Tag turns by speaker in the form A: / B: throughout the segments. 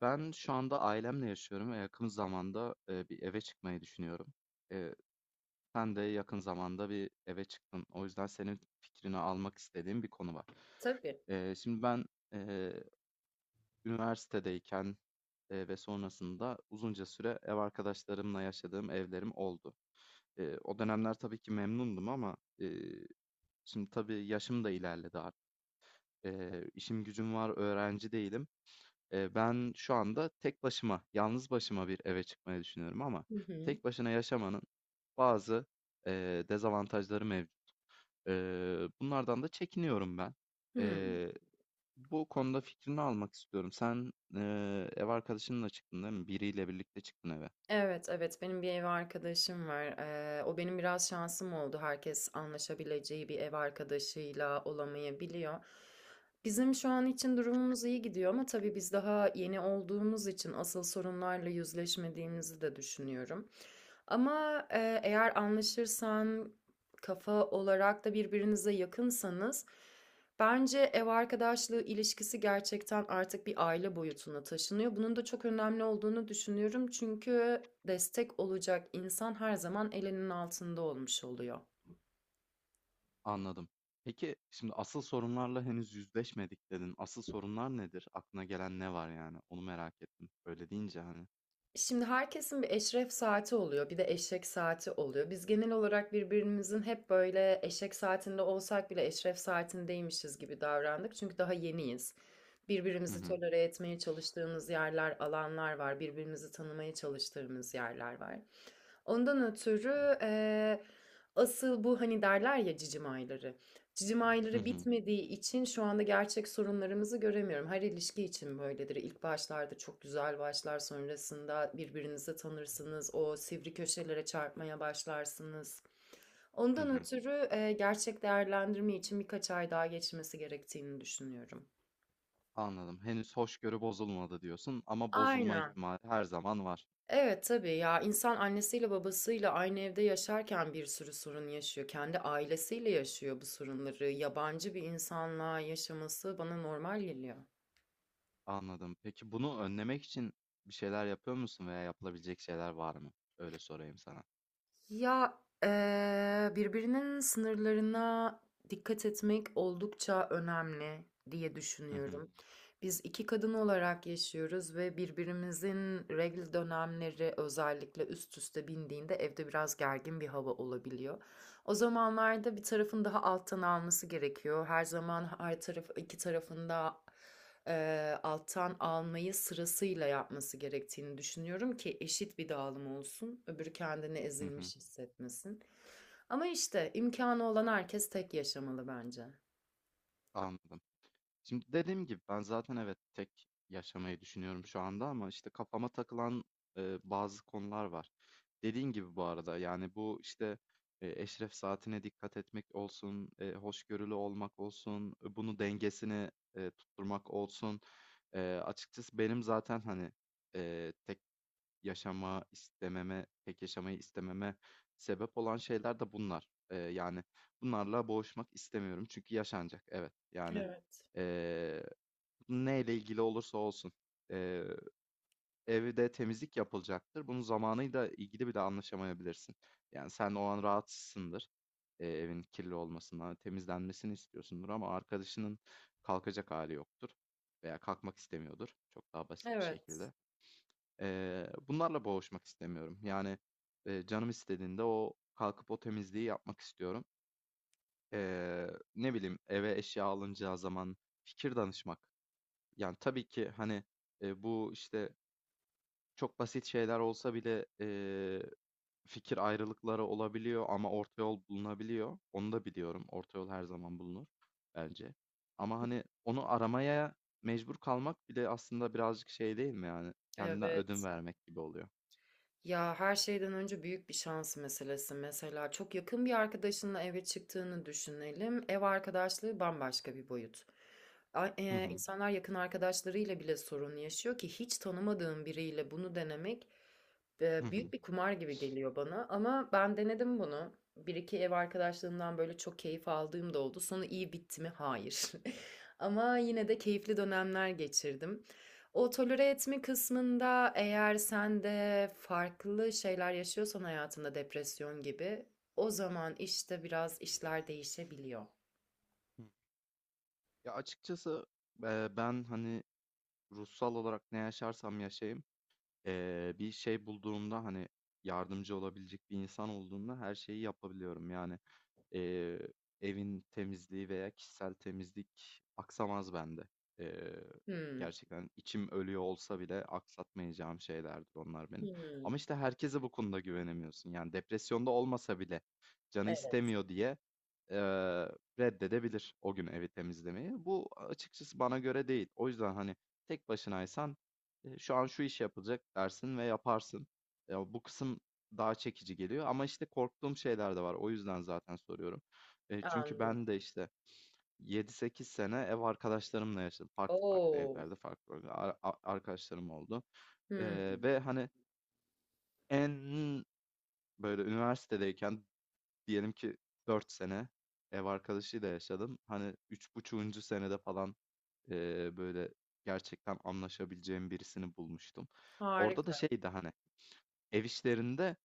A: Ben şu anda ailemle yaşıyorum ve yakın zamanda bir eve çıkmayı düşünüyorum. E, Sen de yakın zamanda bir eve çıktın. O yüzden senin fikrini almak istediğim bir konu var.
B: Tabii.
A: Şimdi ben e, üniversitedeyken ve sonrasında uzunca süre ev arkadaşlarımla yaşadığım evlerim oldu. O dönemler tabii ki memnundum ama şimdi tabii yaşım da ilerledi artık. İşim gücüm var, öğrenci değilim. Ben şu anda tek başıma, yalnız başıma bir eve çıkmayı düşünüyorum ama
B: Hı hı.
A: tek başına yaşamanın bazı dezavantajları mevcut. Bunlardan da çekiniyorum ben.
B: Hımm.
A: Eee, Bu konuda fikrini almak istiyorum. Sen ev arkadaşınla çıktın, değil mi? Biriyle birlikte çıktın eve.
B: Evet, evet, benim bir ev arkadaşım var. O benim biraz şansım oldu. Herkes anlaşabileceği bir ev arkadaşıyla olamayabiliyor. Bizim şu an için durumumuz iyi gidiyor ama tabii biz daha yeni olduğumuz için asıl sorunlarla yüzleşmediğimizi de düşünüyorum. Ama, eğer anlaşırsan, kafa olarak da birbirinize yakınsanız bence ev arkadaşlığı ilişkisi gerçekten artık bir aile boyutuna taşınıyor. Bunun da çok önemli olduğunu düşünüyorum. Çünkü destek olacak insan her zaman elinin altında olmuş oluyor.
A: Anladım. Peki şimdi asıl sorunlarla henüz yüzleşmedik, dedin. Asıl sorunlar nedir? Aklına gelen ne var, yani? Onu merak ettim, öyle deyince. Hani.
B: Şimdi herkesin bir eşref saati oluyor, bir de eşek saati oluyor. Biz genel olarak birbirimizin hep böyle eşek saatinde olsak bile eşref saatindeymişiz gibi davrandık. Çünkü daha yeniyiz.
A: Hı
B: Birbirimizi
A: hı.
B: tolere etmeye çalıştığımız yerler, alanlar var. Birbirimizi tanımaya çalıştığımız yerler var. Ondan ötürü, asıl bu hani derler ya cicim ayları. Cicim
A: Hı
B: ayları
A: hı.
B: bitmediği için şu anda gerçek sorunlarımızı göremiyorum. Her ilişki için böyledir. İlk başlarda çok güzel başlar, sonrasında birbirinizi tanırsınız, o sivri köşelere çarpmaya başlarsınız.
A: Hı
B: Ondan
A: hı.
B: ötürü, gerçek değerlendirme için birkaç ay daha geçmesi gerektiğini düşünüyorum.
A: Anladım. Henüz hoşgörü bozulmadı diyorsun ama bozulma
B: Aynen.
A: ihtimali her zaman var.
B: Evet, tabii. Ya, insan annesiyle babasıyla aynı evde yaşarken bir sürü sorun yaşıyor. Kendi ailesiyle yaşıyor bu sorunları. Yabancı bir insanla yaşaması bana normal geliyor.
A: Anladım. Peki bunu önlemek için bir şeyler yapıyor musun veya yapılabilecek şeyler var mı? Öyle sorayım sana.
B: Ya, birbirinin sınırlarına dikkat etmek oldukça önemli diye
A: Hı hı.
B: düşünüyorum. Biz iki kadın olarak yaşıyoruz ve birbirimizin regl dönemleri özellikle üst üste bindiğinde evde biraz gergin bir hava olabiliyor. O zamanlarda bir tarafın daha alttan alması gerekiyor. Her zaman her taraf iki tarafında alttan almayı sırasıyla yapması gerektiğini düşünüyorum ki eşit bir dağılım olsun. Öbürü kendini
A: Hı hı.
B: ezilmiş hissetmesin. Ama işte imkanı olan herkes tek yaşamalı bence.
A: Anladım. Şimdi dediğim gibi ben zaten evet tek yaşamayı düşünüyorum şu anda ama işte kafama takılan bazı konular var. Dediğin gibi bu arada, yani bu işte eşref saatine dikkat etmek olsun, hoşgörülü olmak olsun, bunu dengesini tutturmak olsun. E, Açıkçası benim zaten, hani, tek yaşama istememe, pek yaşamayı istememe sebep olan şeyler de bunlar. Yani bunlarla boğuşmak istemiyorum çünkü yaşanacak. Evet. Yani
B: Evet.
A: ee, neyle ilgili olursa olsun. Ee, Evde temizlik yapılacaktır. Bunun zamanıyla ilgili bile anlaşamayabilirsin. Yani sen o an rahatsızsındır. Evin kirli olmasından, temizlenmesini istiyorsundur ama arkadaşının kalkacak hali yoktur veya kalkmak istemiyordur. Çok daha basit bir
B: Evet.
A: şekilde. Bunlarla boğuşmak istemiyorum. Yani, canım istediğinde o kalkıp o temizliği yapmak istiyorum. Ne bileyim, eve eşya alınacağı zaman fikir danışmak. Yani, tabii ki, hani, bu, işte, çok basit şeyler olsa bile, fikir ayrılıkları olabiliyor ama orta yol bulunabiliyor. Onu da biliyorum. Orta yol her zaman bulunur bence. Ama, hani, onu aramaya mecbur kalmak bile aslında birazcık şey değil mi, yani? Kendine ödün
B: Evet.
A: vermek gibi oluyor.
B: Ya her şeyden önce büyük bir şans meselesi. Mesela çok yakın bir arkadaşınla eve çıktığını düşünelim. Ev arkadaşlığı bambaşka bir boyut.
A: Hı hı.
B: İnsanlar yakın arkadaşlarıyla bile sorun yaşıyor ki hiç tanımadığım biriyle bunu denemek
A: Hı hı.
B: büyük bir kumar gibi geliyor bana. Ama ben denedim bunu. Bir iki ev arkadaşlığımdan böyle çok keyif aldığım da oldu. Sonu iyi bitti mi? Hayır. Ama yine de keyifli dönemler geçirdim. O tolere etme kısmında eğer sen de farklı şeyler yaşıyorsan hayatında depresyon gibi, o zaman işte biraz işler değişebiliyor.
A: Hı. Ya açıkçası ben, hani, ruhsal olarak ne yaşarsam yaşayayım, bir şey bulduğumda, hani, yardımcı olabilecek bir insan olduğunda her şeyi yapabiliyorum. Yani eee, evin temizliği veya kişisel temizlik aksamaz bende. Eee,
B: Hımm.
A: Gerçekten içim ölüyor olsa bile aksatmayacağım şeylerdir onlar benim. Ama
B: Hımm.
A: işte herkese bu konuda güvenemiyorsun. Yani depresyonda olmasa bile canı
B: Evet,
A: istemiyor diye eee, reddedebilir o gün evi temizlemeyi. Bu açıkçası bana göre değil. O yüzden, hani, tek başınaysan şu an şu iş yapılacak dersin ve yaparsın. Ya bu kısım daha çekici geliyor ama işte korktuğum şeyler de var. O yüzden zaten soruyorum. Çünkü
B: anladım.
A: ben de işte yedi sekiz sene ev arkadaşlarımla yaşadım. Farklı farklı
B: O!
A: evlerde farklı farklı arkadaşlarım oldu.
B: Hımm.
A: Ve, hani, en böyle üniversitedeyken, diyelim ki, 4 sene ev arkadaşıyla yaşadım. Hani 3,5. Senede falan böyle gerçekten anlaşabileceğim birisini bulmuştum. Orada da
B: Harika.
A: şeydi, hani ev işlerinde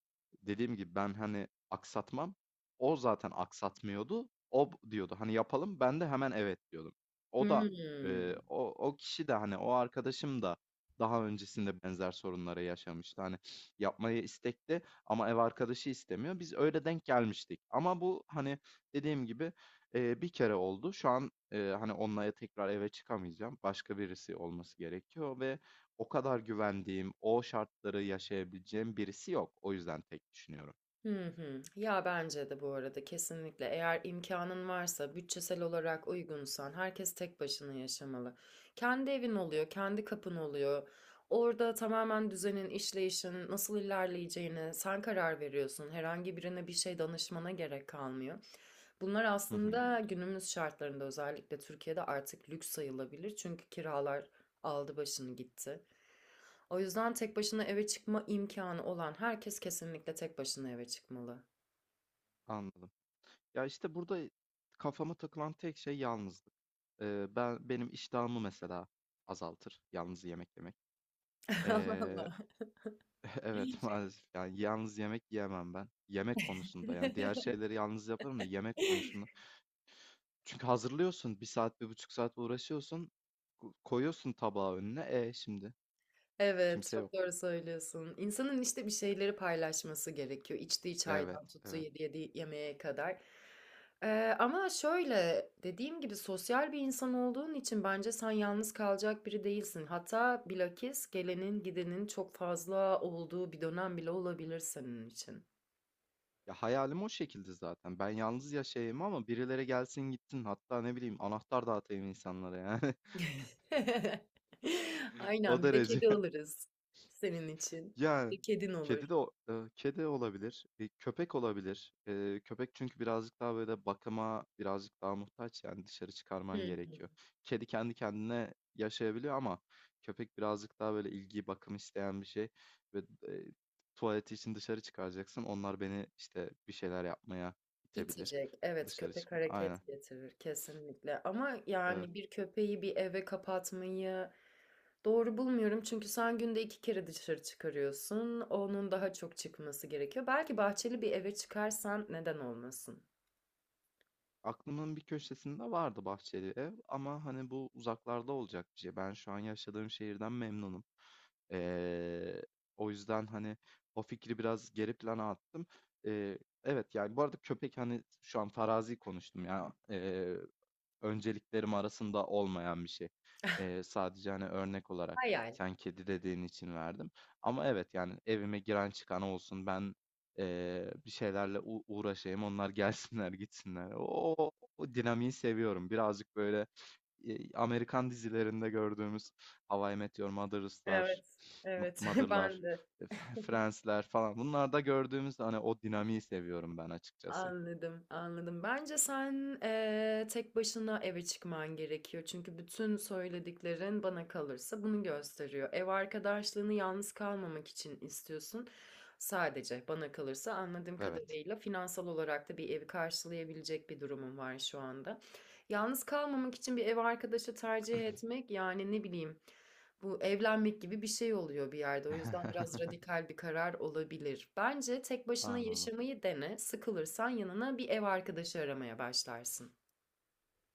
A: dediğim gibi ben, hani, aksatmam. O zaten aksatmıyordu. O diyordu, hani, "Yapalım." Ben de hemen, "Evet." diyordum. O da,
B: Hımm.
A: o kişi de, hani, o arkadaşım da daha öncesinde benzer sorunları yaşamıştı. Hani, yapmaya istekli ama ev arkadaşı istemiyor. Biz öyle denk gelmiştik ama bu, hani, dediğim gibi, bir kere oldu. Şu an, hani, onunla tekrar eve çıkamayacağım. Başka birisi olması gerekiyor ve o kadar güvendiğim, o şartları yaşayabileceğim birisi yok. O yüzden tek düşünüyorum.
B: Hı hı. Ya bence de bu arada kesinlikle eğer imkanın varsa, bütçesel olarak uygunsan herkes tek başına yaşamalı. Kendi evin oluyor, kendi kapın oluyor. Orada tamamen düzenin, işleyişin nasıl ilerleyeceğine sen karar veriyorsun. Herhangi birine bir şey danışmana gerek kalmıyor. Bunlar
A: Hı hı.
B: aslında günümüz şartlarında özellikle Türkiye'de artık lüks sayılabilir. Çünkü kiralar aldı başını gitti. O yüzden tek başına eve çıkma imkanı olan herkes kesinlikle tek başına eve çıkmalı.
A: Anladım. Ya işte burada kafama takılan tek şey yalnızlık. Ben, benim iştahımı mesela, azaltır yalnız yemek yemek.
B: Allah
A: Ee,
B: Allah.
A: evet, maalesef, yani yalnız yemek yiyemem ben. Yemek konusunda, yani diğer şeyleri yalnız yaparım da yemek konusunda. Çünkü hazırlıyorsun, bir saat bir buçuk saat uğraşıyorsun, koyuyorsun tabağı önüne, şimdi
B: Evet,
A: kimse
B: çok
A: yok.
B: doğru söylüyorsun. İnsanın işte bir şeyleri paylaşması gerekiyor. İçtiği
A: Evet,
B: çaydan tuttuğu
A: evet.
B: yediği yemeğe kadar. Ama şöyle dediğim gibi sosyal bir insan olduğun için bence sen yalnız kalacak biri değilsin. Hatta bilakis gelenin gidenin çok fazla olduğu bir dönem bile olabilir senin için.
A: Ya hayalim o şekilde zaten. Ben yalnız yaşayayım ama birileri gelsin gitsin. Hatta ne bileyim, anahtar dağıtayım insanlara, yani. O
B: Aynen, bir de
A: derece.
B: kedi alırız senin için.
A: Yani
B: Bir kedin olur.
A: kedi de kedi olabilir. Köpek olabilir. Köpek, çünkü birazcık daha böyle bakıma birazcık daha muhtaç, yani dışarı
B: Hı
A: çıkarman
B: hı.
A: gerekiyor. Kedi kendi kendine yaşayabiliyor ama köpek birazcık daha böyle ilgi, bakım isteyen bir şey ve tuvaleti için dışarı çıkaracaksın. Onlar beni işte bir şeyler yapmaya itebilir.
B: İtecek. Evet,
A: Dışarı
B: köpek
A: çıkma. Aynen.
B: hareket getirir kesinlikle ama
A: Evet.
B: yani bir köpeği bir eve kapatmayı doğru bulmuyorum. Çünkü sen günde 2 kere dışarı çıkarıyorsun. Onun daha çok çıkması gerekiyor. Belki bahçeli bir eve çıkarsan neden olmasın?
A: Aklımın bir köşesinde vardı bahçeli ev ama, hani, bu uzaklarda olacak bir şey. Ben şu an yaşadığım şehirden memnunum. Ee, O yüzden, hani, o fikri biraz geri plana attım. Ee, evet, yani bu arada köpek, hani, şu an farazi konuştum ya. Önceliklerim arasında olmayan bir şey. Sadece, hani, örnek olarak
B: Hayal.
A: sen kedi dediğin için verdim. Ama evet, yani evime giren çıkan olsun, ben bir şeylerle uğraşayım, onlar gelsinler gitsinler. O dinamiği seviyorum. Birazcık böyle Amerikan dizilerinde gördüğümüz How I Met Your Mother'lar,
B: Evet, evet.
A: Mother'lar,
B: Ben de.
A: e, Friends'ler falan. Bunlarda gördüğümüz, hani, o dinamiği seviyorum ben açıkçası.
B: Anladım, anladım. Bence sen tek başına eve çıkman gerekiyor. Çünkü bütün söylediklerin bana kalırsa bunu gösteriyor. Ev arkadaşlığını yalnız kalmamak için istiyorsun. Sadece bana kalırsa anladığım
A: Evet.
B: kadarıyla finansal olarak da bir evi karşılayabilecek bir durumun var şu anda. Yalnız kalmamak için bir ev arkadaşı tercih etmek, yani ne bileyim, bu evlenmek gibi bir şey oluyor bir yerde. O yüzden biraz radikal bir karar olabilir. Bence tek başına
A: Anladım.
B: yaşamayı dene. Sıkılırsan yanına bir ev arkadaşı aramaya başlarsın.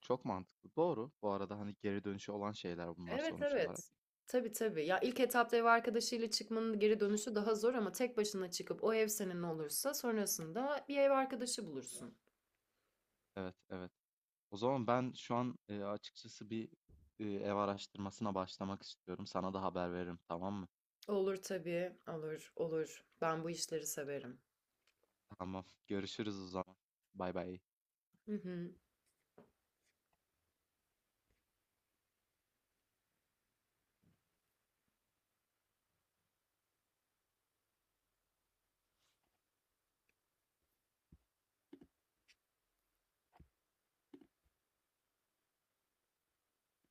A: Çok mantıklı. Doğru. Bu arada, hani, geri dönüşü olan şeyler bunlar
B: Evet,
A: sonuç olarak.
B: evet. Tabii, tabii. Ya ilk etapta ev arkadaşıyla çıkmanın geri dönüşü daha zor ama tek başına çıkıp o ev senin olursa sonrasında bir ev arkadaşı bulursun.
A: Evet, evet. O zaman ben şu an açıkçası bir ev araştırmasına başlamak istiyorum. Sana da haber veririm, tamam mı?
B: Olur tabii. Olur, olur. Ben bu işleri severim.
A: Tamam. Görüşürüz o zaman. Bay bay.
B: Hı hı.